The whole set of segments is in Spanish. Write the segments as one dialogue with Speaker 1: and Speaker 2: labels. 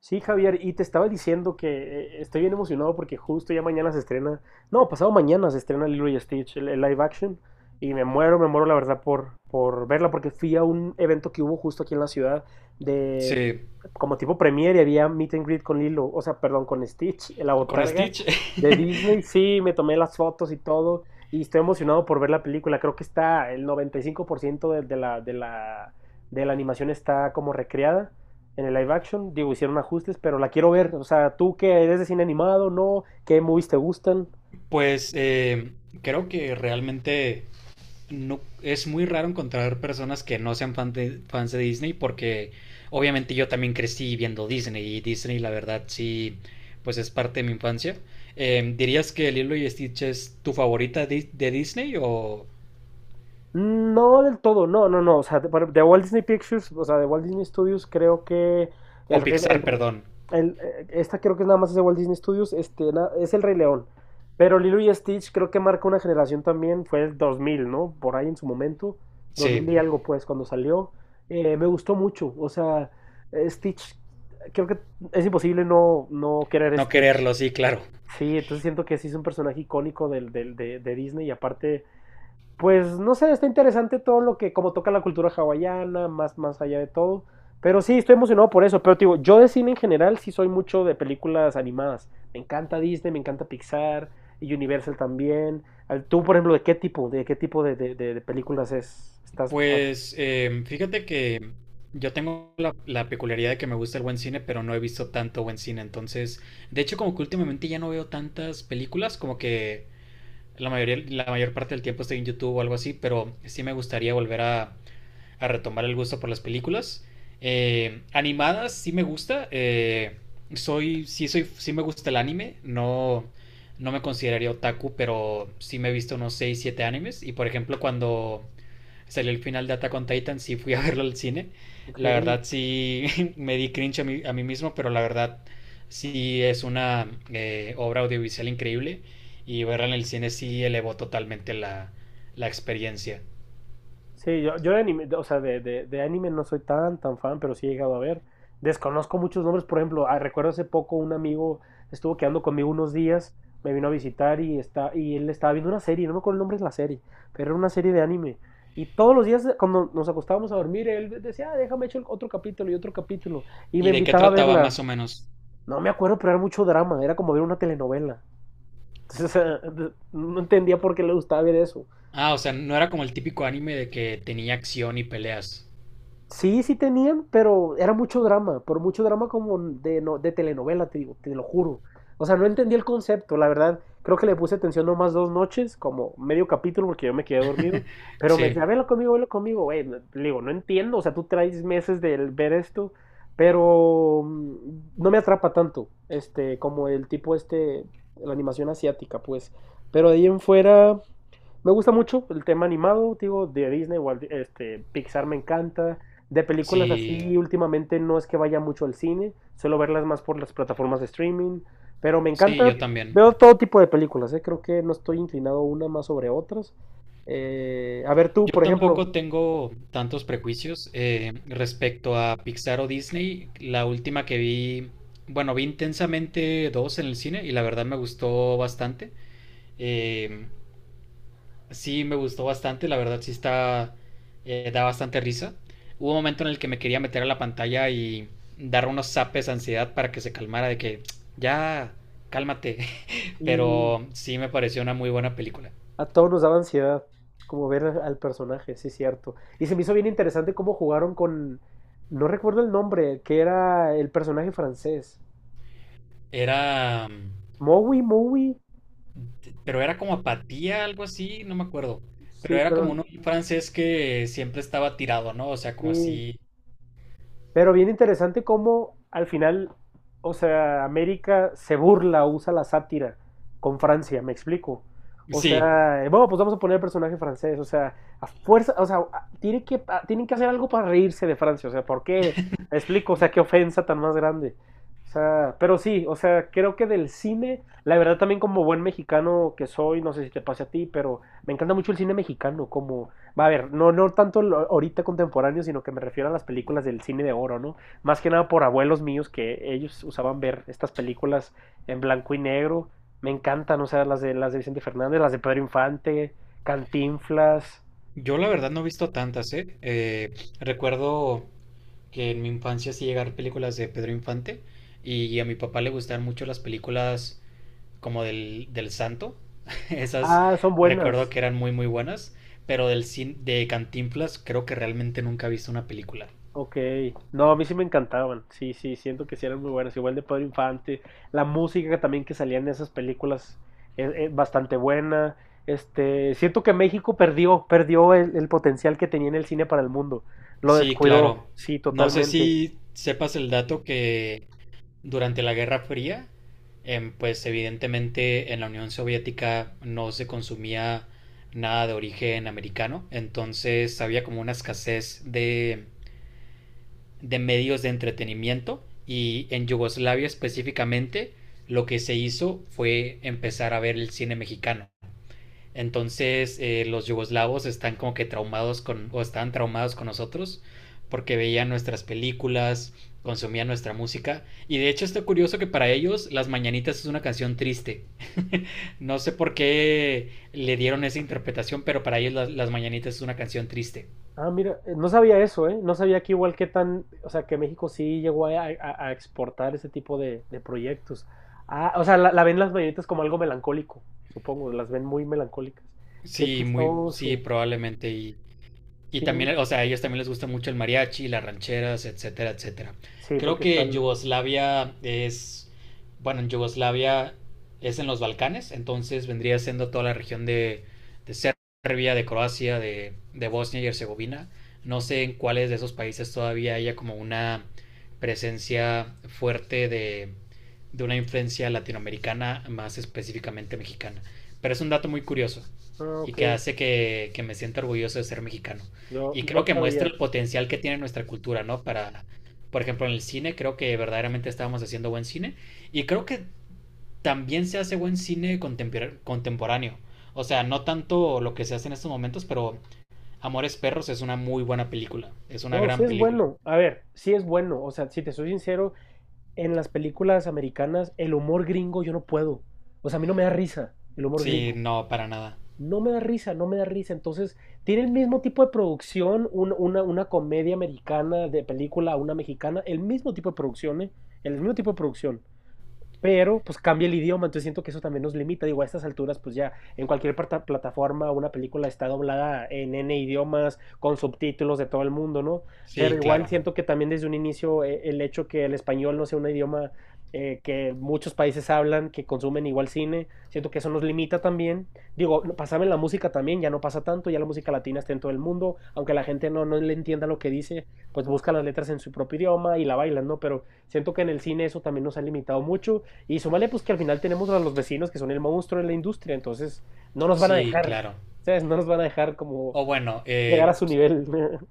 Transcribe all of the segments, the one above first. Speaker 1: Sí, Javier, y te estaba diciendo que estoy bien emocionado porque justo ya mañana se estrena. No, pasado mañana se estrena Lilo y Stitch, el live action, y me muero la verdad por verla, porque fui a un evento que hubo justo aquí en la ciudad de
Speaker 2: Sí,
Speaker 1: como tipo premiere y había meet and greet con Lilo, o sea, perdón, con Stitch, en la
Speaker 2: con
Speaker 1: botarga
Speaker 2: Stitch.
Speaker 1: de Disney, sí, me tomé las fotos y todo, y estoy emocionado por ver la película, creo que está el 95% de la animación está como recreada en el live action. Digo, hicieron ajustes, pero la quiero ver. O sea, tú que eres de cine animado, ¿no? ¿Qué movies te gustan?
Speaker 2: Pues creo que realmente no, es muy raro encontrar personas que no sean fans de Disney porque obviamente yo también crecí viendo Disney y Disney la verdad sí pues es parte de mi infancia. ¿Dirías que Lilo y Stitch es tu favorita de Disney o,
Speaker 1: No del todo, no, no, no. O sea, Walt Disney Pictures, o sea, de Walt Disney Studios, creo que
Speaker 2: o
Speaker 1: el, Rey-
Speaker 2: Pixar, perdón?
Speaker 1: el- esta creo que nada más es de Walt Disney Studios, este, na- es El Rey León. Pero Lilo y Stitch creo que marca una generación también, fue el 2000, ¿no? Por ahí en su momento, dos
Speaker 2: Sí,
Speaker 1: mil y algo pues, cuando salió. Me gustó mucho, o sea, Stitch, creo que es imposible no, no querer
Speaker 2: no
Speaker 1: Stitch.
Speaker 2: quererlo, sí, claro.
Speaker 1: Sí, entonces siento que sí es un personaje icónico de Disney y aparte, pues no sé, está interesante todo lo que, como toca la cultura hawaiana, más, más allá de todo. Pero sí, estoy emocionado por eso. Pero te digo, yo de cine en general sí soy mucho de películas animadas. Me encanta Disney, me encanta Pixar y Universal también. Al- Tú, por ejemplo, ¿de qué tipo de películas es? Estás más...
Speaker 2: Pues fíjate que yo tengo la peculiaridad de que me gusta el buen cine, pero no he visto tanto buen cine. Entonces, de hecho, como que últimamente ya no veo tantas películas, como que la mayoría, la mayor parte del tiempo estoy en YouTube o algo así, pero sí me gustaría volver a retomar el gusto por las películas. Animadas sí me gusta. Soy, sí soy, sí me gusta el anime. No, no me consideraría otaku, pero sí me he visto unos 6 7 animes. Y por ejemplo, cuando salió el final de Attack on Titan, sí fui a verlo al cine. La
Speaker 1: Ok.
Speaker 2: verdad sí, me di cringe a mí mismo, pero la verdad sí es una obra audiovisual increíble y verla en el cine sí elevó totalmente la experiencia.
Speaker 1: Sí, yo de anime, o sea, de anime no soy tan, tan fan, pero sí he llegado a ver. Desconozco muchos nombres, por ejemplo, ah, recuerdo hace poco un amigo estuvo quedando conmigo unos días, me vino a visitar y él estaba viendo una serie, no me acuerdo el nombre de la serie, pero era una serie de anime. Y todos los días cuando nos acostábamos a dormir, él decía, "Ah, déjame echar otro capítulo. Y me
Speaker 2: ¿Y de qué
Speaker 1: invitaba a
Speaker 2: trataba
Speaker 1: verla.
Speaker 2: más o menos?
Speaker 1: No me acuerdo, pero era mucho drama, era como ver una telenovela. Entonces, no entendía por qué le gustaba ver eso.
Speaker 2: Ah, o sea, no era como el típico anime de que tenía acción y peleas.
Speaker 1: Sí, sí tenían, pero era mucho drama, por mucho drama como de, no, de telenovela, te digo, te lo juro. O sea, no entendí el concepto, la verdad. Creo que le puse atención nomás dos noches, como medio capítulo, porque yo me quedé dormido. Pero me
Speaker 2: Sí,
Speaker 1: decía, velo conmigo, güey. No- Le digo, no entiendo, o sea, tú traes meses de ver esto, pero no me atrapa tanto, este, como el tipo este, la animación asiática, pues. Pero de ahí en fuera, me gusta mucho el tema animado, digo, de Disney, igual, este, Pixar me encanta. De películas
Speaker 2: sí,
Speaker 1: así, últimamente no es que vaya mucho al cine, suelo verlas más por las plataformas de streaming, pero me
Speaker 2: sí,
Speaker 1: encanta,
Speaker 2: yo
Speaker 1: sí,
Speaker 2: también.
Speaker 1: veo todo tipo de películas, ¿eh? Creo que no estoy inclinado una más sobre otras. A ver tú,
Speaker 2: Yo
Speaker 1: por ejemplo,
Speaker 2: tampoco tengo tantos prejuicios respecto a Pixar o Disney. La última que vi, bueno, vi intensamente dos en el cine y la verdad me gustó bastante. Eh, sí, me gustó bastante, la verdad sí está, da bastante risa. Hubo un momento en el que me quería meter a la pantalla y dar unos zapes de ansiedad para que se calmara de que ya, cálmate.
Speaker 1: y
Speaker 2: Pero sí me pareció una muy buena película.
Speaker 1: a todos nos daba ansiedad como ver al personaje, sí, cierto. Y se me hizo bien interesante cómo jugaron con, no recuerdo el nombre, que era el personaje francés.
Speaker 2: Era...
Speaker 1: Mowi, Mowi.
Speaker 2: pero era como apatía, algo así, no me acuerdo. Pero
Speaker 1: Sí,
Speaker 2: era como
Speaker 1: pero
Speaker 2: un francés que siempre estaba tirado, ¿no? O sea, como
Speaker 1: sí,
Speaker 2: así.
Speaker 1: pero bien interesante cómo al final, o sea, América se burla, o usa la sátira con Francia, me explico. O
Speaker 2: Sí,
Speaker 1: sea, bueno, pues vamos a poner el personaje francés, o sea, a fuerza, o sea, a- tiene que, a- tienen que hacer algo para reírse de Francia, o sea, ¿por qué? Me explico, o sea, qué ofensa tan más grande. O sea, pero sí, o sea, creo que del cine, la verdad también como buen mexicano que soy, no sé si te pase a ti, pero me encanta mucho el cine mexicano, como va a ver, no, no tanto ahorita contemporáneo, sino que me refiero a las películas del cine de oro, ¿no? Más que nada por abuelos míos que ellos usaban ver estas películas en blanco y negro. Me encantan, o sea, las de Vicente Fernández, las de Pedro Infante, Cantinflas.
Speaker 2: yo la verdad no he visto tantas, ¿eh? Recuerdo que en mi infancia sí llegaron películas de Pedro Infante y a mi papá le gustaban mucho las películas como del Santo. Esas
Speaker 1: Ah, son
Speaker 2: recuerdo
Speaker 1: buenas.
Speaker 2: que eran muy muy buenas, pero de Cantinflas creo que realmente nunca he visto una película.
Speaker 1: Ok, no, a mí sí me encantaban, sí, sí, siento que sí eran muy buenas, igual de Pedro Infante, la música también que salía en esas películas es bastante buena, este, siento que México perdió, perdió el potencial que tenía en el cine para el mundo, lo
Speaker 2: Sí, claro.
Speaker 1: descuidó, sí,
Speaker 2: No sé
Speaker 1: totalmente.
Speaker 2: si sepas el dato que durante la Guerra Fría, pues evidentemente en la Unión Soviética no se consumía nada de origen americano, entonces había como una escasez de medios de entretenimiento y en Yugoslavia específicamente lo que se hizo fue empezar a ver el cine mexicano. Entonces los yugoslavos están como que traumados con, o estaban traumados con nosotros porque veían nuestras películas, consumían nuestra música. Y de hecho está curioso que para ellos Las Mañanitas es una canción triste. No sé por qué le dieron esa interpretación, pero para ellos Las Mañanitas es una canción triste.
Speaker 1: Ah, mira, no sabía eso, ¿eh? No sabía que igual que tan, o sea, que México sí llegó a exportar ese tipo de proyectos. Ah, o sea, la ven las mañanitas como algo melancólico, supongo, las ven muy melancólicas. Qué
Speaker 2: Sí, muy, sí,
Speaker 1: chistoso.
Speaker 2: probablemente. Y
Speaker 1: Sí,
Speaker 2: también, o sea, a ellos también les gusta mucho el mariachi, las rancheras, etcétera, etcétera.
Speaker 1: sí,
Speaker 2: Creo
Speaker 1: porque
Speaker 2: que
Speaker 1: están.
Speaker 2: Yugoslavia es, bueno, en Yugoslavia es en los Balcanes, entonces vendría siendo toda la región de Serbia, de Croacia, de Bosnia y Herzegovina. No sé en cuáles de esos países todavía haya como una presencia fuerte de una influencia latinoamericana, más específicamente mexicana. Pero es un dato muy curioso
Speaker 1: Ah,
Speaker 2: y
Speaker 1: ok.
Speaker 2: que hace que me sienta orgulloso de ser mexicano.
Speaker 1: Yo
Speaker 2: Y
Speaker 1: no
Speaker 2: creo que muestra
Speaker 1: sabía.
Speaker 2: el potencial que tiene nuestra cultura, ¿no? Para, por ejemplo, en el cine, creo que verdaderamente estábamos haciendo buen cine. Y creo que también se hace buen cine contemporáneo. O sea, no tanto lo que se hace en estos momentos, pero Amores Perros es una muy buena película. Es una
Speaker 1: No, sí
Speaker 2: gran
Speaker 1: es
Speaker 2: película.
Speaker 1: bueno. A ver, sí es bueno. O sea, si te soy sincero, en las películas americanas, el humor gringo yo no puedo. O sea, a mí no me da risa el humor
Speaker 2: Sí,
Speaker 1: gringo.
Speaker 2: no, para nada.
Speaker 1: No me da risa, no me da risa. Entonces, tiene el mismo tipo de producción, un- una comedia americana de película, una mexicana, el mismo tipo de producciones, el mismo tipo de producción. Pero pues cambia el idioma, entonces siento que eso también nos limita. Digo, a estas alturas, pues ya en cualquier plata- plataforma una película está doblada en N idiomas, con subtítulos de todo el mundo, ¿no? Pero
Speaker 2: Sí,
Speaker 1: igual
Speaker 2: claro.
Speaker 1: siento que también desde un inicio el hecho que el español no sea un idioma que muchos países hablan, que consumen igual cine, siento que eso nos limita también. Digo, no- pasame en la música también, ya no pasa tanto, ya la música latina está en todo el mundo, aunque la gente no, no le entienda lo que dice, pues busca las letras en su propio idioma y la bailan, ¿no? Pero siento que en el cine eso también nos ha limitado mucho. Y súmale, pues que al final tenemos a los vecinos que son el monstruo de la industria, entonces no nos van a
Speaker 2: Sí,
Speaker 1: dejar,
Speaker 2: claro.
Speaker 1: ¿sabes? No nos van a dejar como
Speaker 2: O bueno,
Speaker 1: llegar a su nivel.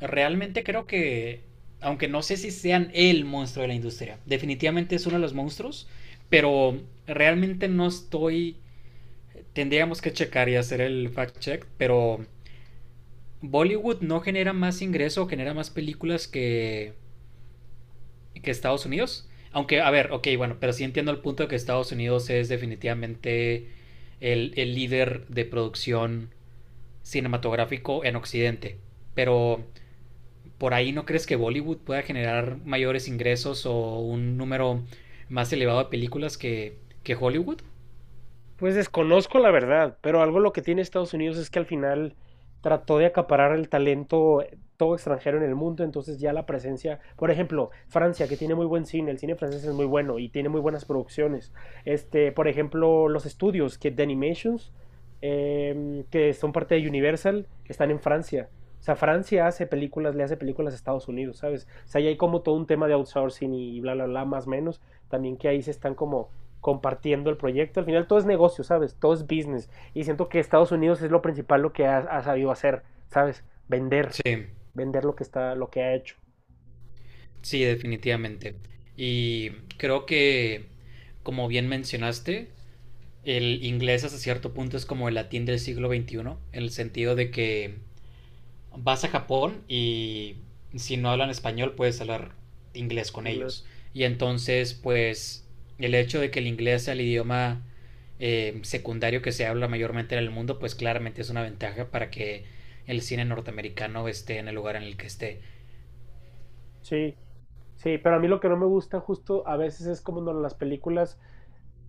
Speaker 2: realmente creo que, aunque no sé si sean el monstruo de la industria, definitivamente es uno de los monstruos, pero realmente no estoy, tendríamos que checar y hacer el fact check, pero Bollywood no genera más ingreso, genera más películas que Estados Unidos. Aunque, a ver, ok, bueno, pero sí entiendo el punto de que Estados Unidos es definitivamente el líder de producción cinematográfico en Occidente. Pero, ¿por ahí no crees que Bollywood pueda generar mayores ingresos o un número más elevado de películas que Hollywood?
Speaker 1: Pues desconozco la verdad, pero algo lo que tiene Estados Unidos es que al final trató de acaparar el talento todo extranjero en el mundo, entonces ya la presencia, por ejemplo, Francia, que tiene muy buen cine, el cine francés es muy bueno y tiene muy buenas producciones. Este, por ejemplo, los estudios que de Animations, que son parte de Universal, están en Francia. O sea, Francia hace películas, le hace películas a Estados Unidos, ¿sabes? O sea, ahí hay como todo un tema de outsourcing y bla, bla, bla, más o menos. También que ahí se están como compartiendo el proyecto. Al final todo es negocio, ¿sabes? Todo es business. Y siento que Estados Unidos es lo principal lo que ha, ha sabido hacer, ¿sabes? Vender,
Speaker 2: Sí,
Speaker 1: vender lo que está, lo que ha hecho.
Speaker 2: sí, definitivamente. Y creo que, como bien mencionaste, el inglés hasta cierto punto es como el latín del siglo XXI, en el sentido de que vas a Japón y si no hablan español puedes hablar inglés con ellos.
Speaker 1: Inglés.
Speaker 2: Y entonces, pues, el hecho de que el inglés sea el idioma secundario que se habla mayormente en el mundo, pues claramente es una ventaja para que el cine norteamericano esté en el lugar en el que esté.
Speaker 1: Sí, sí, pero a mí lo que no me gusta justo a veces es como en las películas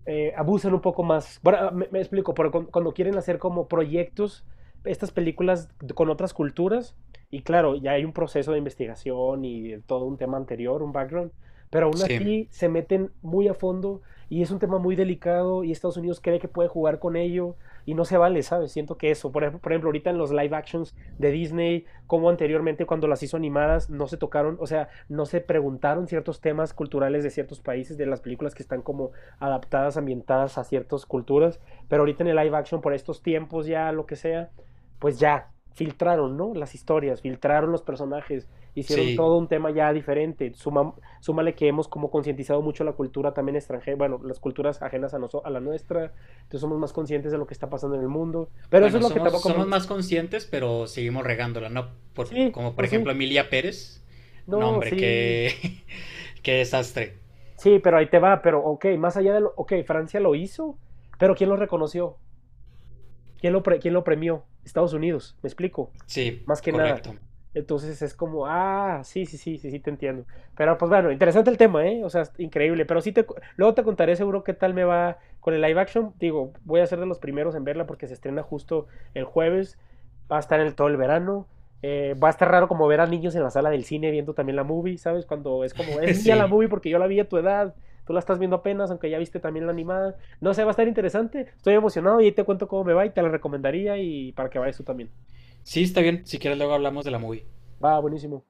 Speaker 1: abusan un poco más. Bueno, me explico, pero cu- cuando quieren hacer como proyectos, estas películas con otras culturas, y claro, ya hay un proceso de investigación y todo un tema anterior, un background, pero aún
Speaker 2: Sí,
Speaker 1: así se meten muy a fondo y es un tema muy delicado y Estados Unidos cree que puede jugar con ello y no se vale, ¿sabes? Siento que eso, por ejemplo, ahorita en los live actions de Disney, como anteriormente cuando las hizo animadas, no se tocaron, o sea, no se preguntaron ciertos temas culturales de ciertos países, de las películas que están como adaptadas, ambientadas a ciertas culturas, pero ahorita en el live action, por estos tiempos ya, lo que sea, pues ya filtraron, ¿no? Las historias, filtraron los personajes, hicieron
Speaker 2: sí.
Speaker 1: todo un tema ya diferente. Suma- súmale que hemos como concientizado mucho la cultura también extranjera, bueno, las culturas ajenas a, noso- a la nuestra, entonces somos más conscientes de lo que está pasando en el mundo, pero eso
Speaker 2: Bueno,
Speaker 1: es lo que
Speaker 2: somos,
Speaker 1: tampoco me
Speaker 2: somos
Speaker 1: gusta.
Speaker 2: más conscientes, pero seguimos regándola, ¿no? Por,
Speaker 1: Sí,
Speaker 2: como por
Speaker 1: pues sí,
Speaker 2: ejemplo Emilia Pérez. No,
Speaker 1: no,
Speaker 2: hombre,
Speaker 1: sí,
Speaker 2: qué, qué desastre.
Speaker 1: sí, pero ahí te va, pero ok, más allá de lo, ok, Francia lo hizo, pero ¿quién lo reconoció? ¿Quién lo, pre- quién lo premió? Estados Unidos, me explico,
Speaker 2: Sí,
Speaker 1: más que nada.
Speaker 2: correcto.
Speaker 1: Entonces es como, ah, sí, sí, sí, sí, sí, te entiendo. Pero pues bueno, interesante el tema, ¿eh? O sea, es increíble. Pero sí, te, cu- luego te contaré seguro qué tal me va con el live action. Digo, voy a ser de los primeros en verla porque se estrena justo el jueves. Va a estar en el, todo el verano. Va a estar raro como ver a niños en la sala del cine viendo también la movie, ¿sabes? Cuando es como, es mía la
Speaker 2: Sí.
Speaker 1: movie porque yo la vi a tu edad, tú la estás viendo apenas, aunque ya viste también la animada. No sé, va a estar interesante. Estoy emocionado y ahí te cuento cómo me va y te la recomendaría y para que vayas tú también.
Speaker 2: Sí, está bien. Si quieres, luego hablamos de la movie.
Speaker 1: Va, buenísimo.